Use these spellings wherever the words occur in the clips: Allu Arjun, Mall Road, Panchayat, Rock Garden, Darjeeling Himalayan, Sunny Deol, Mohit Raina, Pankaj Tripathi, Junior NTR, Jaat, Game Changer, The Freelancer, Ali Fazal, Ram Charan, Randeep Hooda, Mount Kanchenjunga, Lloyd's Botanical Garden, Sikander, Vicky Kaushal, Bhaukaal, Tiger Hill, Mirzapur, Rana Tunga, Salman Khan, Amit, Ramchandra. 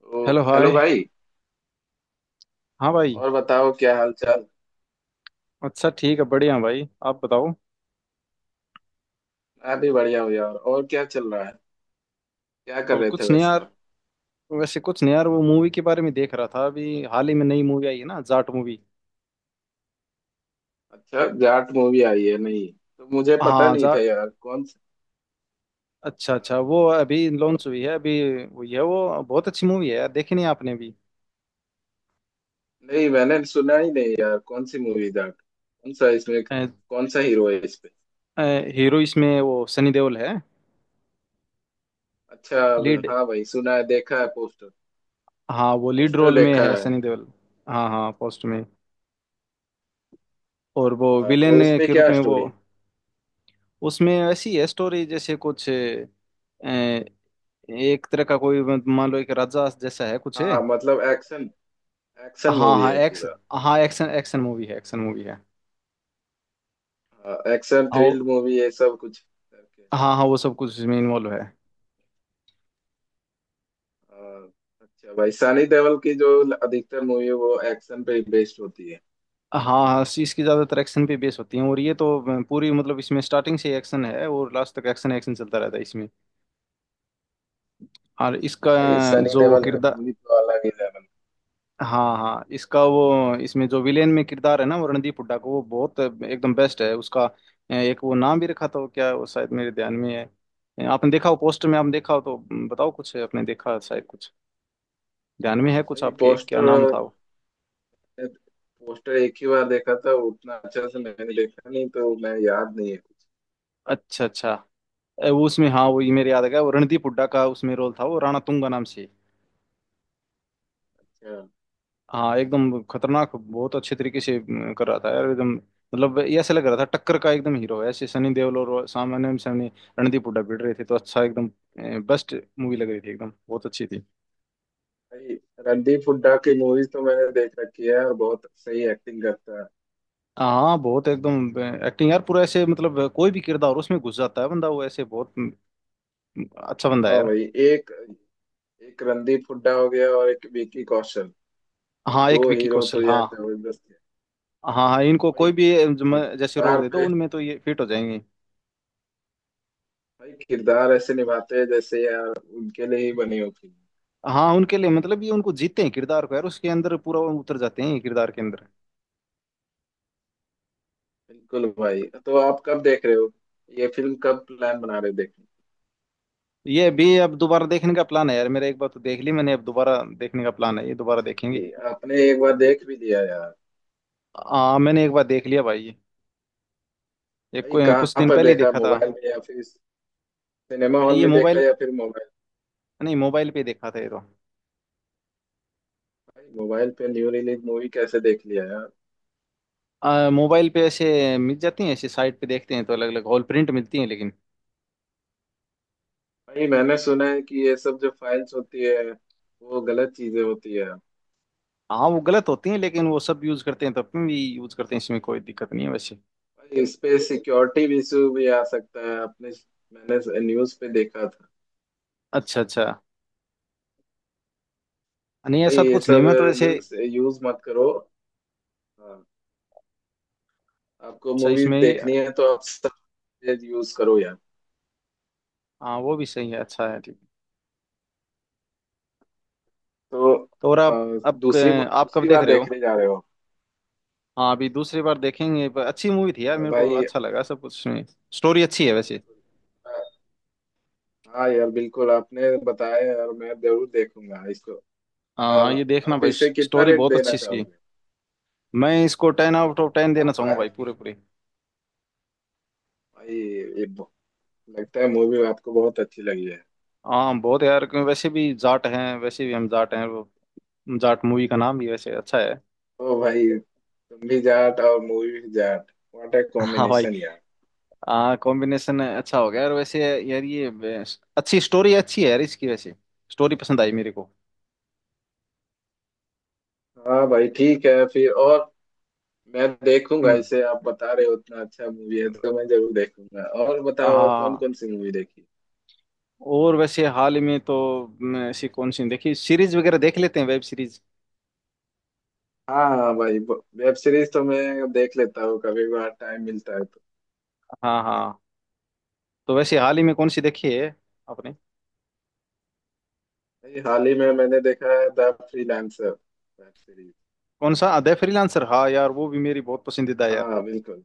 तो hello, hello hi. भाई। हाँ भाई। और बताओ क्या हाल चाल। अच्छा ठीक है, बढ़िया भाई। आप बताओ। मैं भी बढ़िया हूँ यार, और क्या चल रहा है। क्या कर और रहे थे कुछ नहीं वैसे। यार। वैसे कुछ नहीं यार, वो मूवी के बारे में देख रहा था। अभी हाल ही में नई मूवी आई है ना, जाट मूवी। अच्छा जाट मूवी आई है, नहीं तो मुझे पता हाँ नहीं जा था यार कौन सा। अच्छा अच्छा, हाँ, वो अभी लॉन्च हुई है अभी। वो ये वो बहुत अच्छी मूवी है यार। देखी नहीं आपने भी? नहीं मैंने सुना ही नहीं यार, कौन सी मूवी जाट, कौन सा इसमें अ, कौन सा हीरो है इस पे। अ, हीरो इसमें वो सनी देओल है। अच्छा लीड। हाँ भाई, सुना है, देखा है पोस्टर। हाँ वो लीड पोस्टर रोल में देखा है, है। सनी देओल। हाँ हाँ पोस्ट में। और वो हाँ, विलेन तो उस पे के रूप क्या में वो। स्टोरी है। उसमें ऐसी है स्टोरी, जैसे कुछ एक तरह का कोई मान लो एक राजा जैसा है कुछ हाँ है। मतलब एक्शन, एक्शन हाँ मूवी हाँ है एक्स पूरा। हाँ, एक्शन एक्शन मूवी है, एक्शन मूवी है। हाँ एक्शन और थ्रिल मूवी है सब कुछ करके। हाँ हाँ वो सब कुछ इसमें हाँ। इन्वॉल्व है। हाँ, अच्छा भाई, सनी देओल की जो अधिकतर मूवी है वो एक्शन पे बेस्ड होती है। हाँ हाँ इसकी ज़्यादातर एक्शन पे बेस होती हैं। और ये तो पूरी मतलब इसमें स्टार्टिंग से एक्शन है और लास्ट तक एक्शन एक्शन चलता रहता है इसमें। और इसका भाई सनी जो वो देओल की किरदार। मूवी तो अलग ही लेवल। हाँ हाँ इसका वो इसमें जो विलेन में किरदार है ना, वो रणदीप हुड्डा को, वो बहुत एकदम बेस्ट है उसका। एक वो नाम भी रखा था, वो क्या है, वो शायद मेरे ध्यान में है। आपने देखा हो पोस्टर में, आपने देखा हो तो बताओ कुछ, आपने देखा शायद कुछ ध्यान में है कुछ भाई आपके, क्या पोस्टर नाम था वो। पोस्टर एक ही बार देखा था, उतना अच्छा से मैंने देखा नहीं, तो मैं याद नहीं है कुछ। अच्छा अच्छा। वो उसमें, हाँ वो ये मेरे याद आ गया, वो रणदीप हुड्डा का उसमें रोल था, वो राणा तुंगा नाम से। अच्छा हाँ एकदम खतरनाक, बहुत अच्छे तरीके से कर रहा था यार एकदम। मतलब ये ऐसा लग रहा था टक्कर का एकदम हीरो है, ऐसे सनी देओल, और सामने सामने रणदीप हुड्डा भिड़ रहे थे, तो अच्छा एकदम बेस्ट मूवी लग रही थी एकदम, बहुत अच्छी थी। भाई, रणदीप हुड्डा की मूवीज तो मैंने देख रखी है, और बहुत सही एक्टिंग करता है। हाँ बहुत एकदम एक्टिंग यार पूरा, ऐसे मतलब कोई भी किरदार हो, उसमें घुस जाता है बंदा वो, ऐसे बहुत अच्छा बंदा है हाँ यार। भाई, एक एक रणदीप हुड्डा हो गया और एक विकी कौशल। भाई हाँ, एक दो विकी हीरो तो कौशल, हाँ। यार जबरदस्त है। हाँ हाँ इनको कोई भाई भी जैसे रोल कार दे दो, पे उनमें तो ये फिट हो जाएंगे। भाई किरदार ऐसे निभाते हैं जैसे यार उनके लिए ही बनी हो फिल्म। हाँ उनके लिए मतलब ये उनको जीते हैं किरदार को यार, उसके अंदर पूरा वो उतर जाते हैं ये किरदार के हाँ अंदर। बिल्कुल भाई, तो आप कब देख रहे हो ये फिल्म, कब प्लान बना रहे हो देखने ये भी अब दोबारा देखने का प्लान है यार मेरा। एक बार तो देख ली मैंने, अब दोबारा देखने का प्लान है, ये दोबारा का? देखेंगे। भाई आपने एक बार देख भी लिया यार। मैंने एक बार देख लिया भाई ये। एक भाई कुछ कहाँ दिन पर पहले ही देखा, देखा था। मोबाइल में या फिर सिनेमा हॉल ये में देखा, मोबाइल या फिर मोबाइल। नहीं, मोबाइल पे देखा था ये तो। भाई मोबाइल पे न्यू रिलीज मूवी कैसे देख लिया यार। मोबाइल पे ऐसे मिल जाती हैं, ऐसे साइट पे देखते हैं तो अलग अलग हॉल प्रिंट मिलती हैं लेकिन। भाई मैंने सुना है कि ये सब जो फाइल्स होती है वो गलत चीजें होती है। हाँ वो गलत होती हैं लेकिन वो सब यूज करते हैं तो अपन भी यूज करते हैं, इसमें कोई दिक्कत नहीं है वैसे। भाई इस पे सिक्योरिटी इशू भी आ सकता है। आपने मैंने न्यूज पे देखा था। अच्छा अच्छा। नहीं भाई ऐसा तो ये कुछ नहीं, सब मैं तो ऐसे। लिंक्स यूज मत करो। हाँ, आपको अच्छा मूवीज इसमें ही। देखनी है तो आप सब यूज करो यार। हाँ वो भी सही है, अच्छा है, ठीक। तो तो और आप अब दूसरी आप कब दूसरी देख बार रहे हो। देखने जा रहे हो। हाँ अभी दूसरी बार देखेंगे। पर अच्छी मूवी थी यार, मेरे को भाई। अच्छा लगा सब कुछ में। स्टोरी अच्छी है हाँ वैसे। बिल्कुल। अ, हाँ यार बिल्कुल, आपने बताया यार, मैं जरूर देखूंगा इसको। हाँ अ, हाँ ये देखना आप भाई, इसे कितना स्टोरी रेट बहुत देना अच्छी इसकी। चाहोगे। मैं इसको ten uh, out of ten देना आप चाहूंगा भाई, फाइव पूरे पूरे। भाई लगता है मूवी आपको बहुत अच्छी लगी है। हाँ बहुत यार, क्यों वैसे भी जाट हैं, वैसे भी हम जाट हैं वो। जाट मूवी का नाम भी वैसे अच्छा है। ओ भाई तुम भी जाट और मूवी भी जाट, व्हाट ए हाँ भाई। कॉम्बिनेशन यार। हाँ कॉम्बिनेशन अच्छा हो गया। और वैसे यार ये अच्छी स्टोरी, अच्छी है यार इसकी वैसे, स्टोरी पसंद आई मेरे को। हाँ भाई ठीक है फिर, और मैं देखूंगा हम्म, इसे, आप बता रहे हो उतना अच्छा मूवी है तो मैं जरूर देखूंगा। और हाँ बताओ, और हाँ, कौन हाँ। कौन सी मूवी देखी। और वैसे हाल ही में तो मैं ऐसी कौन सी देखी, सीरीज वगैरह देख लेते हैं, वेब सीरीज। हाँ हाँ भाई, वेब सीरीज तो मैं देख लेता हूँ, कभी बार टाइम मिलता है तो। हाँ हाँ। तो वैसे हाल ही में कौन सी देखी है आपने। भाई, हाल ही में मैंने देखा है द फ्रीलांसर वेब सीरीज। कौन सा द फ्रीलांसर, हाँ यार वो भी मेरी बहुत पसंदीदा है यार। हाँ बिल्कुल,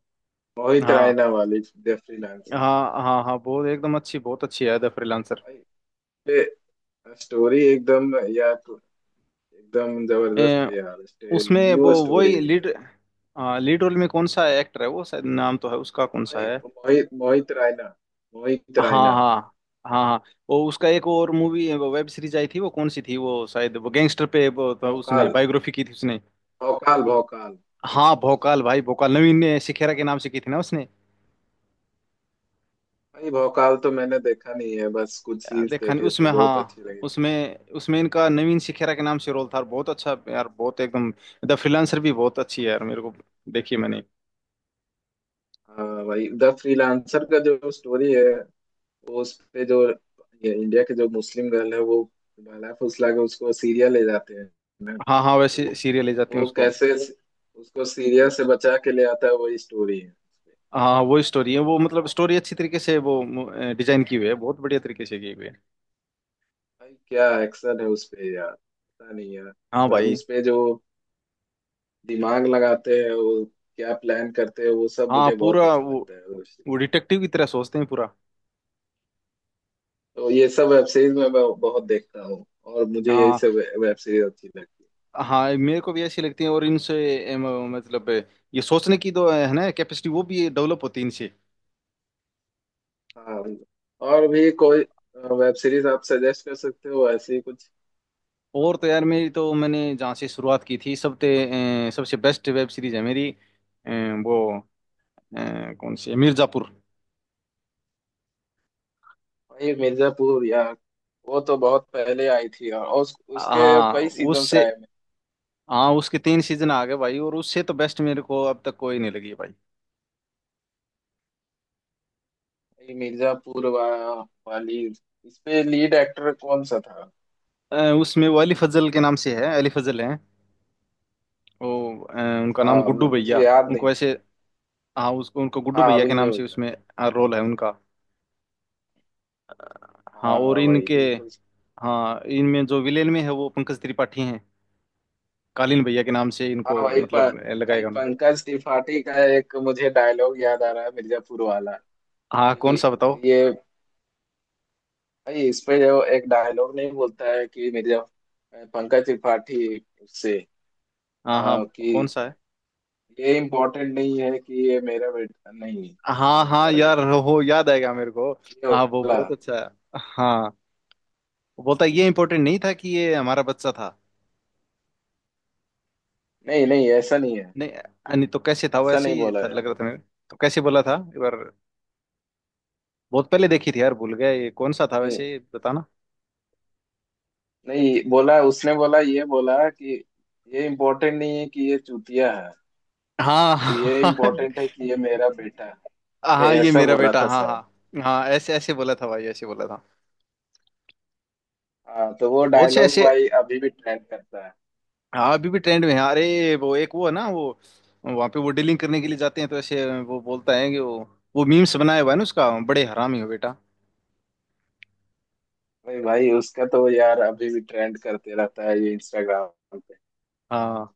मोहित हाँ रायना वाली द फ्रीलांसर। हाँ हाँ हाँ बहुत एकदम अच्छी, बहुत अच्छी है द फ्रीलांसर। भाई ये स्टोरी एकदम यार, एकदम जबरदस्त ए, है यार, उसमें वो न्यू स्टोरी वही लीड, एकदम। लीड रोल में कौन सा एक्टर है, वो शायद नाम तो है उसका, कौन सा भाई है। मोहित, मोहित रायना, मोहित हाँ रायना हाँ हाँ हाँ। वो उसका एक और मूवी वेब सीरीज आई थी, वो कौन सी थी, वो शायद वो गैंगस्टर पे वो, तो उसमें भोकाल, बायोग्राफी की थी उसने। भौकाल, भौकाल। हाँ भोकाल भाई, भोकाल नवीन ने सिखेरा के नाम से की थी ना उसने। भाई भौकाल तो मैंने देखा नहीं है, बस कुछ सीन्स देखा नहीं देखे थे, उसमें बहुत हाँ, अच्छी लगी थी। उसमें उसमें इनका नवीन सिखेरा के नाम से रोल था, और बहुत अच्छा यार, बहुत एकदम। द फ्रीलांसर भी बहुत अच्छी है यार मेरे को, देखी मैंने। हाँ भाई, द फ्रीलांसर का जो स्टोरी है वो, उस पे जो ये इंडिया के जो मुस्लिम गर्ल है वो बहला फुसला के उसको सीरिया ले जाते हैं ना, हाँ हाँ वैसे तो सीरियल ले जाते हैं वो उसको। कैसे उसको सीरिया से बचा के ले आता है, वही स्टोरी है उसपे। हाँ वो स्टोरी है वो, मतलब स्टोरी अच्छी तरीके से वो डिजाइन की हुई है, बहुत बढ़िया तरीके से की हुई है। भाई क्या एक्शन है उस पे यार, पता नहीं हाँ यार भाई। उस पे जो दिमाग लगाते हैं, वो क्या प्लान करते हैं, वो सब हाँ मुझे बहुत पूरा अच्छा वो लगता है। वो डिटेक्टिव की तरह सोचते हैं पूरा। तो ये सब वेब सीरीज में मैं बहुत देखता हूँ, और मुझे यही हाँ सब वेब सीरीज अच्छी लगती हाँ मेरे को भी ऐसी लगती है। और इनसे एम, मतलब ये सोचने की तो है ना कैपेसिटी, वो भी डेवलप होती है इनसे। है। हाँ, और भी कोई वेब सीरीज आप सजेस्ट कर सकते हो ऐसी ही कुछ। और तो यार मेरी तो, मैंने जहाँ से शुरुआत की थी सबसे सबसे बेस्ट वेब सीरीज है मेरी, वो कौन सी है? मिर्जापुर। भाई मिर्जापुर यार, वो तो बहुत पहले आई थी यार, और उसके हाँ कई सीजन्स उससे। आए हैं। हाँ उसके 3 सीजन आ गए भाई, और उससे तो बेस्ट मेरे को अब तक कोई नहीं लगी है भाई। भाई मिर्जापुर वाली, इसपे लीड एक्टर कौन सा था। उसमें वो अली फजल के नाम से है, अली फजल है वो। अ, उनका हाँ नाम गुड्डू भैया, मुझे याद नहीं उनको था। ऐसे। हाँ उसको उनको गुड्डू हाँ भैया अभी के नहीं नाम से होगा। उसमें रोल है उनका। हाँ और हाँ भाई इनके, बिल्कुल। हाँ इनमें जो विलेन में है वो पंकज त्रिपाठी हैं, कालीन भैया के नाम से हाँ इनको भाई, मतलब भाई लगाएगा उनको। पंकज त्रिपाठी का एक मुझे डायलॉग याद आ रहा है मिर्जापुर वाला। हाँ कौन ये सा बताओ। ये भाई, इसमें जो एक डायलॉग नहीं बोलता है कि, मेरे जब पंकज त्रिपाठी से हाँ हाँ कौन कि सा है। ये इम्पोर्टेंट नहीं है कि ये मेरा बेटा नहीं, हाँ क्या हाँ था यार, यार हो याद आएगा मेरे को। ये हाँ वो बोला। बहुत अच्छा है। हाँ वो बोलता है, ये इम्पोर्टेंट नहीं था कि ये हमारा बच्चा था। नहीं नहीं, ऐसा नहीं है, नहीं नहीं तो कैसे था, ऐसा वैसे नहीं ही बोला था, यार। लग रहा था मेरे। तो कैसे बोला था? एक बार बहुत पहले देखी थी यार, भूल गया ये कौन सा था, नहीं वैसे बताना। नहीं बोला उसने, बोला ये बोला कि, ये इम्पोर्टेंट नहीं है कि ये चूतिया है, हाँ ये हाँ इम्पोर्टेंट है कि ये मेरा बेटा है, ये हाँ, ये ऐसा मेरा बोला बेटा, था हाँ शायद। हाँ हाँ ऐसे ऐसे बोला था भाई, ऐसे बोला था। हाँ, तो वो बहुत से डायलॉग ऐसे। भाई अभी भी ट्रेंड करता है। हाँ अभी भी ट्रेंड में है। अरे वो एक वो है ना वो, वहाँ पे वो डीलिंग करने के लिए जाते हैं तो ऐसे वो बोलता है कि वो मीम्स बनाया हुआ है ना उसका, बड़े हरामी हो बेटा। भाई भाई उसका तो यार अभी भी ट्रेंड करते रहता है ये इंस्टाग्राम पे। हाँ।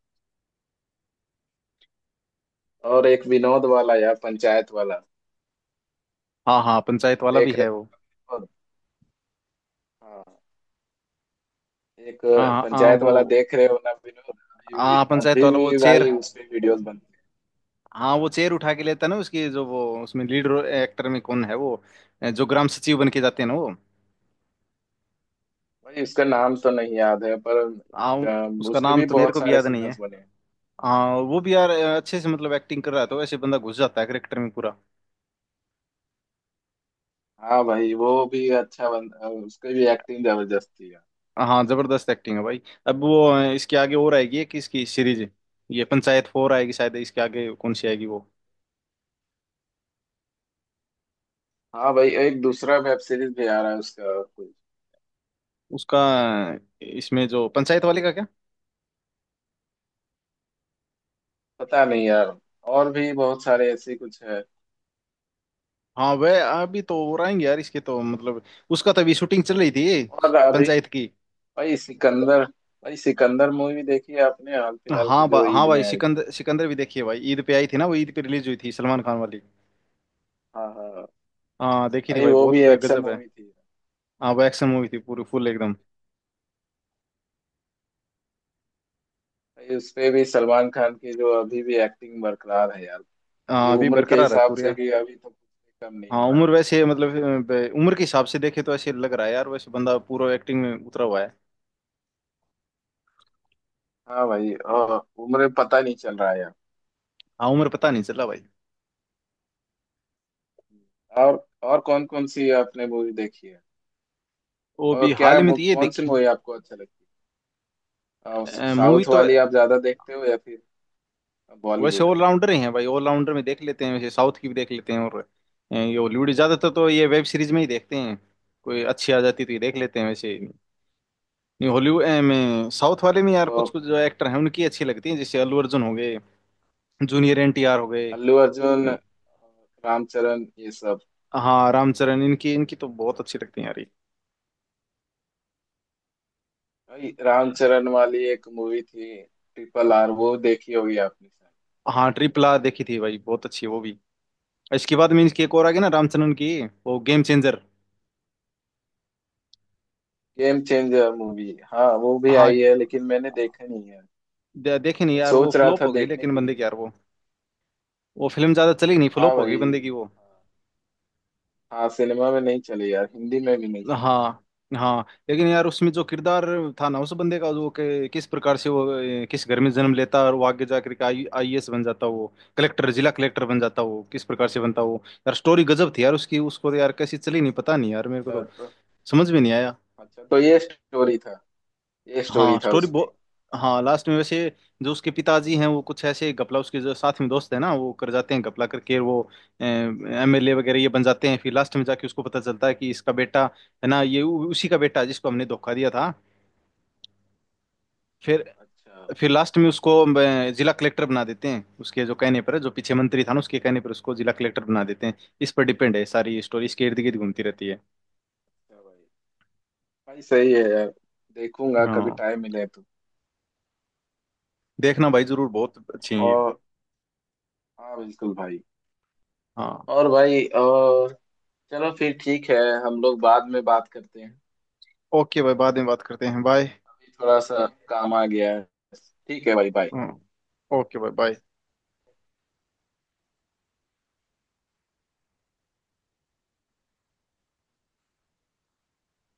और एक विनोद वाला यार, पंचायत वाला हाँ हाँ पंचायत वाला भी देख है रहे वो। हो। हाँ। एक हाँ हाँ हाँ, पंचायत वाला वो। देख रहे हो ना विनोद, हाँ पंचायत अभी वाला वो भी चेयर। भाई उस पे वीडियोस बनते हाँ हैं। वो हाँ चेयर उठा के लेता है ना उसकी, जो वो उसमें लीड एक्टर में कौन है वो, जो ग्राम सचिव बन के जाते हैं ना वो। भाई उसका नाम तो नहीं याद है पर हाँ उसका उसके नाम भी तो मेरे बहुत को भी सारे याद नहीं है। सीजन्स बने हैं। हाँ वो भी यार अच्छे से मतलब एक्टिंग कर रहा है तो ऐसे बंदा घुस जाता है करेक्टर में पूरा। हाँ भाई वो भी अच्छा बन उसकी भी एक्टिंग जबरदस्त थी यार। हाँ जबरदस्त एक्टिंग है भाई। अब वो इसके आगे और आएगी एक इसकी सीरीज, ये पंचायत 4 आएगी शायद इसके आगे, कौन सी आएगी वो। हाँ भाई, एक दूसरा वेब सीरीज भी आ रहा है उसका कुछ उसका इसमें जो पंचायत वाले का क्या। पता नहीं यार, और भी बहुत सारे ऐसे कुछ है। हाँ वह अभी तो और आएंगे यार इसके तो मतलब, उसका तो अभी शूटिंग चल रही थी और अभी पंचायत की। भाई सिकंदर, भाई सिकंदर मूवी देखी है आपने हाल फिलहाल की हाँ जो हाँ ईद भाई में आई थी। सिकंदर, सिकंदर भी देखिए भाई, ईद पे आई थी ना वो, ईद पे रिलीज हुई थी सलमान खान वाली। हाँ हाँ हाँ देखी थी भाई, भाई, वो बहुत भी एक्शन गजब है। मूवी थी। हाँ वो एक्शन मूवी थी पूरी, फुल एकदम। भाई उस पे भी सलमान खान की जो अभी भी एक्टिंग बरकरार है यार, ये हाँ अभी उम्र के बरकरार है हिसाब पूरी। से भी अभी तो कुछ भी कम नहीं हाँ हुआ है। उम्र वैसे मतलब उम्र के हिसाब से देखे तो ऐसे लग रहा है यार, वैसे बंदा पूरा एक्टिंग में उतरा हुआ है। हाँ भाई, और उम्र पता नहीं चल रहा है यार। हाँ उम्र पता नहीं चला भाई। और कौन कौन सी आपने मूवी देखी है। वो भी और हाल क्या ही में तो ये कौन सी देखी। मूवी आपको अच्छा लगती है, मूवी साउथ तो वाली आप ज्यादा देखते हो या फिर वैसे बॉलीवुड। ऑलराउंडर ही है भाई, ऑलराउंडर में देख लेते हैं वैसे। साउथ की भी देख लेते हैं और ये हॉलीवुड। ज्यादातर तो ये वेब सीरीज में ही देखते हैं, कोई अच्छी आ जाती तो ये देख लेते हैं वैसे। नहीं हॉलीवुड में साउथ वाले में यार तो कुछ कुछ जो एक्टर हैं उनकी अच्छी लगती हैं, जैसे अल्लू अर्जुन हो गए, जूनियर एनटीआर हो गए। अल्लू अर्जुन, रामचरण, ये सब। हाँ रामचरण इनकी इनकी तो बहुत अच्छी लगती है यार। भाई रामचरण वाली एक मूवी थी, ट्रिपल आर, वो देखी होगी आपने शायद। हाँ RRR देखी थी भाई, बहुत अच्छी है वो भी। इसके बाद मीन्स की एक और आ गई ना हाँ। रामचंद्रन की, वो game changer. Game changer movie, हाँ वो भी आई हाँ है लेकिन मैंने देखा नहीं है, देखी नहीं मैं यार, वो सोच रहा फ्लॉप था हो गई देखने लेकिन के बंदे की लिए। यार वो फिल्म ज्यादा चली नहीं, हाँ फ्लॉप हो भाई। गई बंदे की वो। हाँ, हाँ सिनेमा में नहीं चली यार, हिंदी में भी नहीं चली। हाँ हाँ लेकिन यार उसमें जो किरदार था ना उस बंदे का वो किस प्रकार से वो किस घर में जन्म लेता और वो आगे जाकर के आई आईएएस बन जाता, वो कलेक्टर जिला कलेक्टर बन जाता, वो किस प्रकार से बनता वो, यार स्टोरी गजब थी यार उसकी। उसको तो यार कैसी चली नहीं पता नहीं यार, मेरे को तो तो, तो- समझ में नहीं आया। अच्छा तो ये स्टोरी था, ये स्टोरी हाँ था स्टोरी उस पे। बहुत। हाँ लास्ट में वैसे जो उसके पिताजी हैं वो कुछ ऐसे गपला, उसके जो साथ में दोस्त है ना वो कर जाते हैं, गपला करके वो एमएलए वगैरह ये बन जाते हैं। फिर लास्ट में जाके उसको पता चलता है कि इसका बेटा है ना ये, उसी का बेटा है जिसको हमने धोखा दिया था। फिर अच्छा फिर लास्ट में उसको जिला कलेक्टर बना देते हैं उसके, जो कहने पर जो पीछे मंत्री था ना उसके कहने पर उसको जिला कलेक्टर बना देते हैं। इस पर डिपेंड है सारी स्टोरी, इसके इर्द गिर्द घूमती रहती है। अच्छा भाई, भाई सही है यार, देखूंगा कभी हाँ टाइम मिले तो। देखना भाई जरूर, बहुत अच्छी है ये। और हाँ बिल्कुल भाई। हाँ और भाई, और चलो फिर ठीक है, हम लोग बाद में बात करते हैं। ओके भाई, बाद में बात करते हैं, बाय। अभी थोड़ा सा काम आ गया है। ठीक है भाई, बाय। हम्म ओके भाई बाय।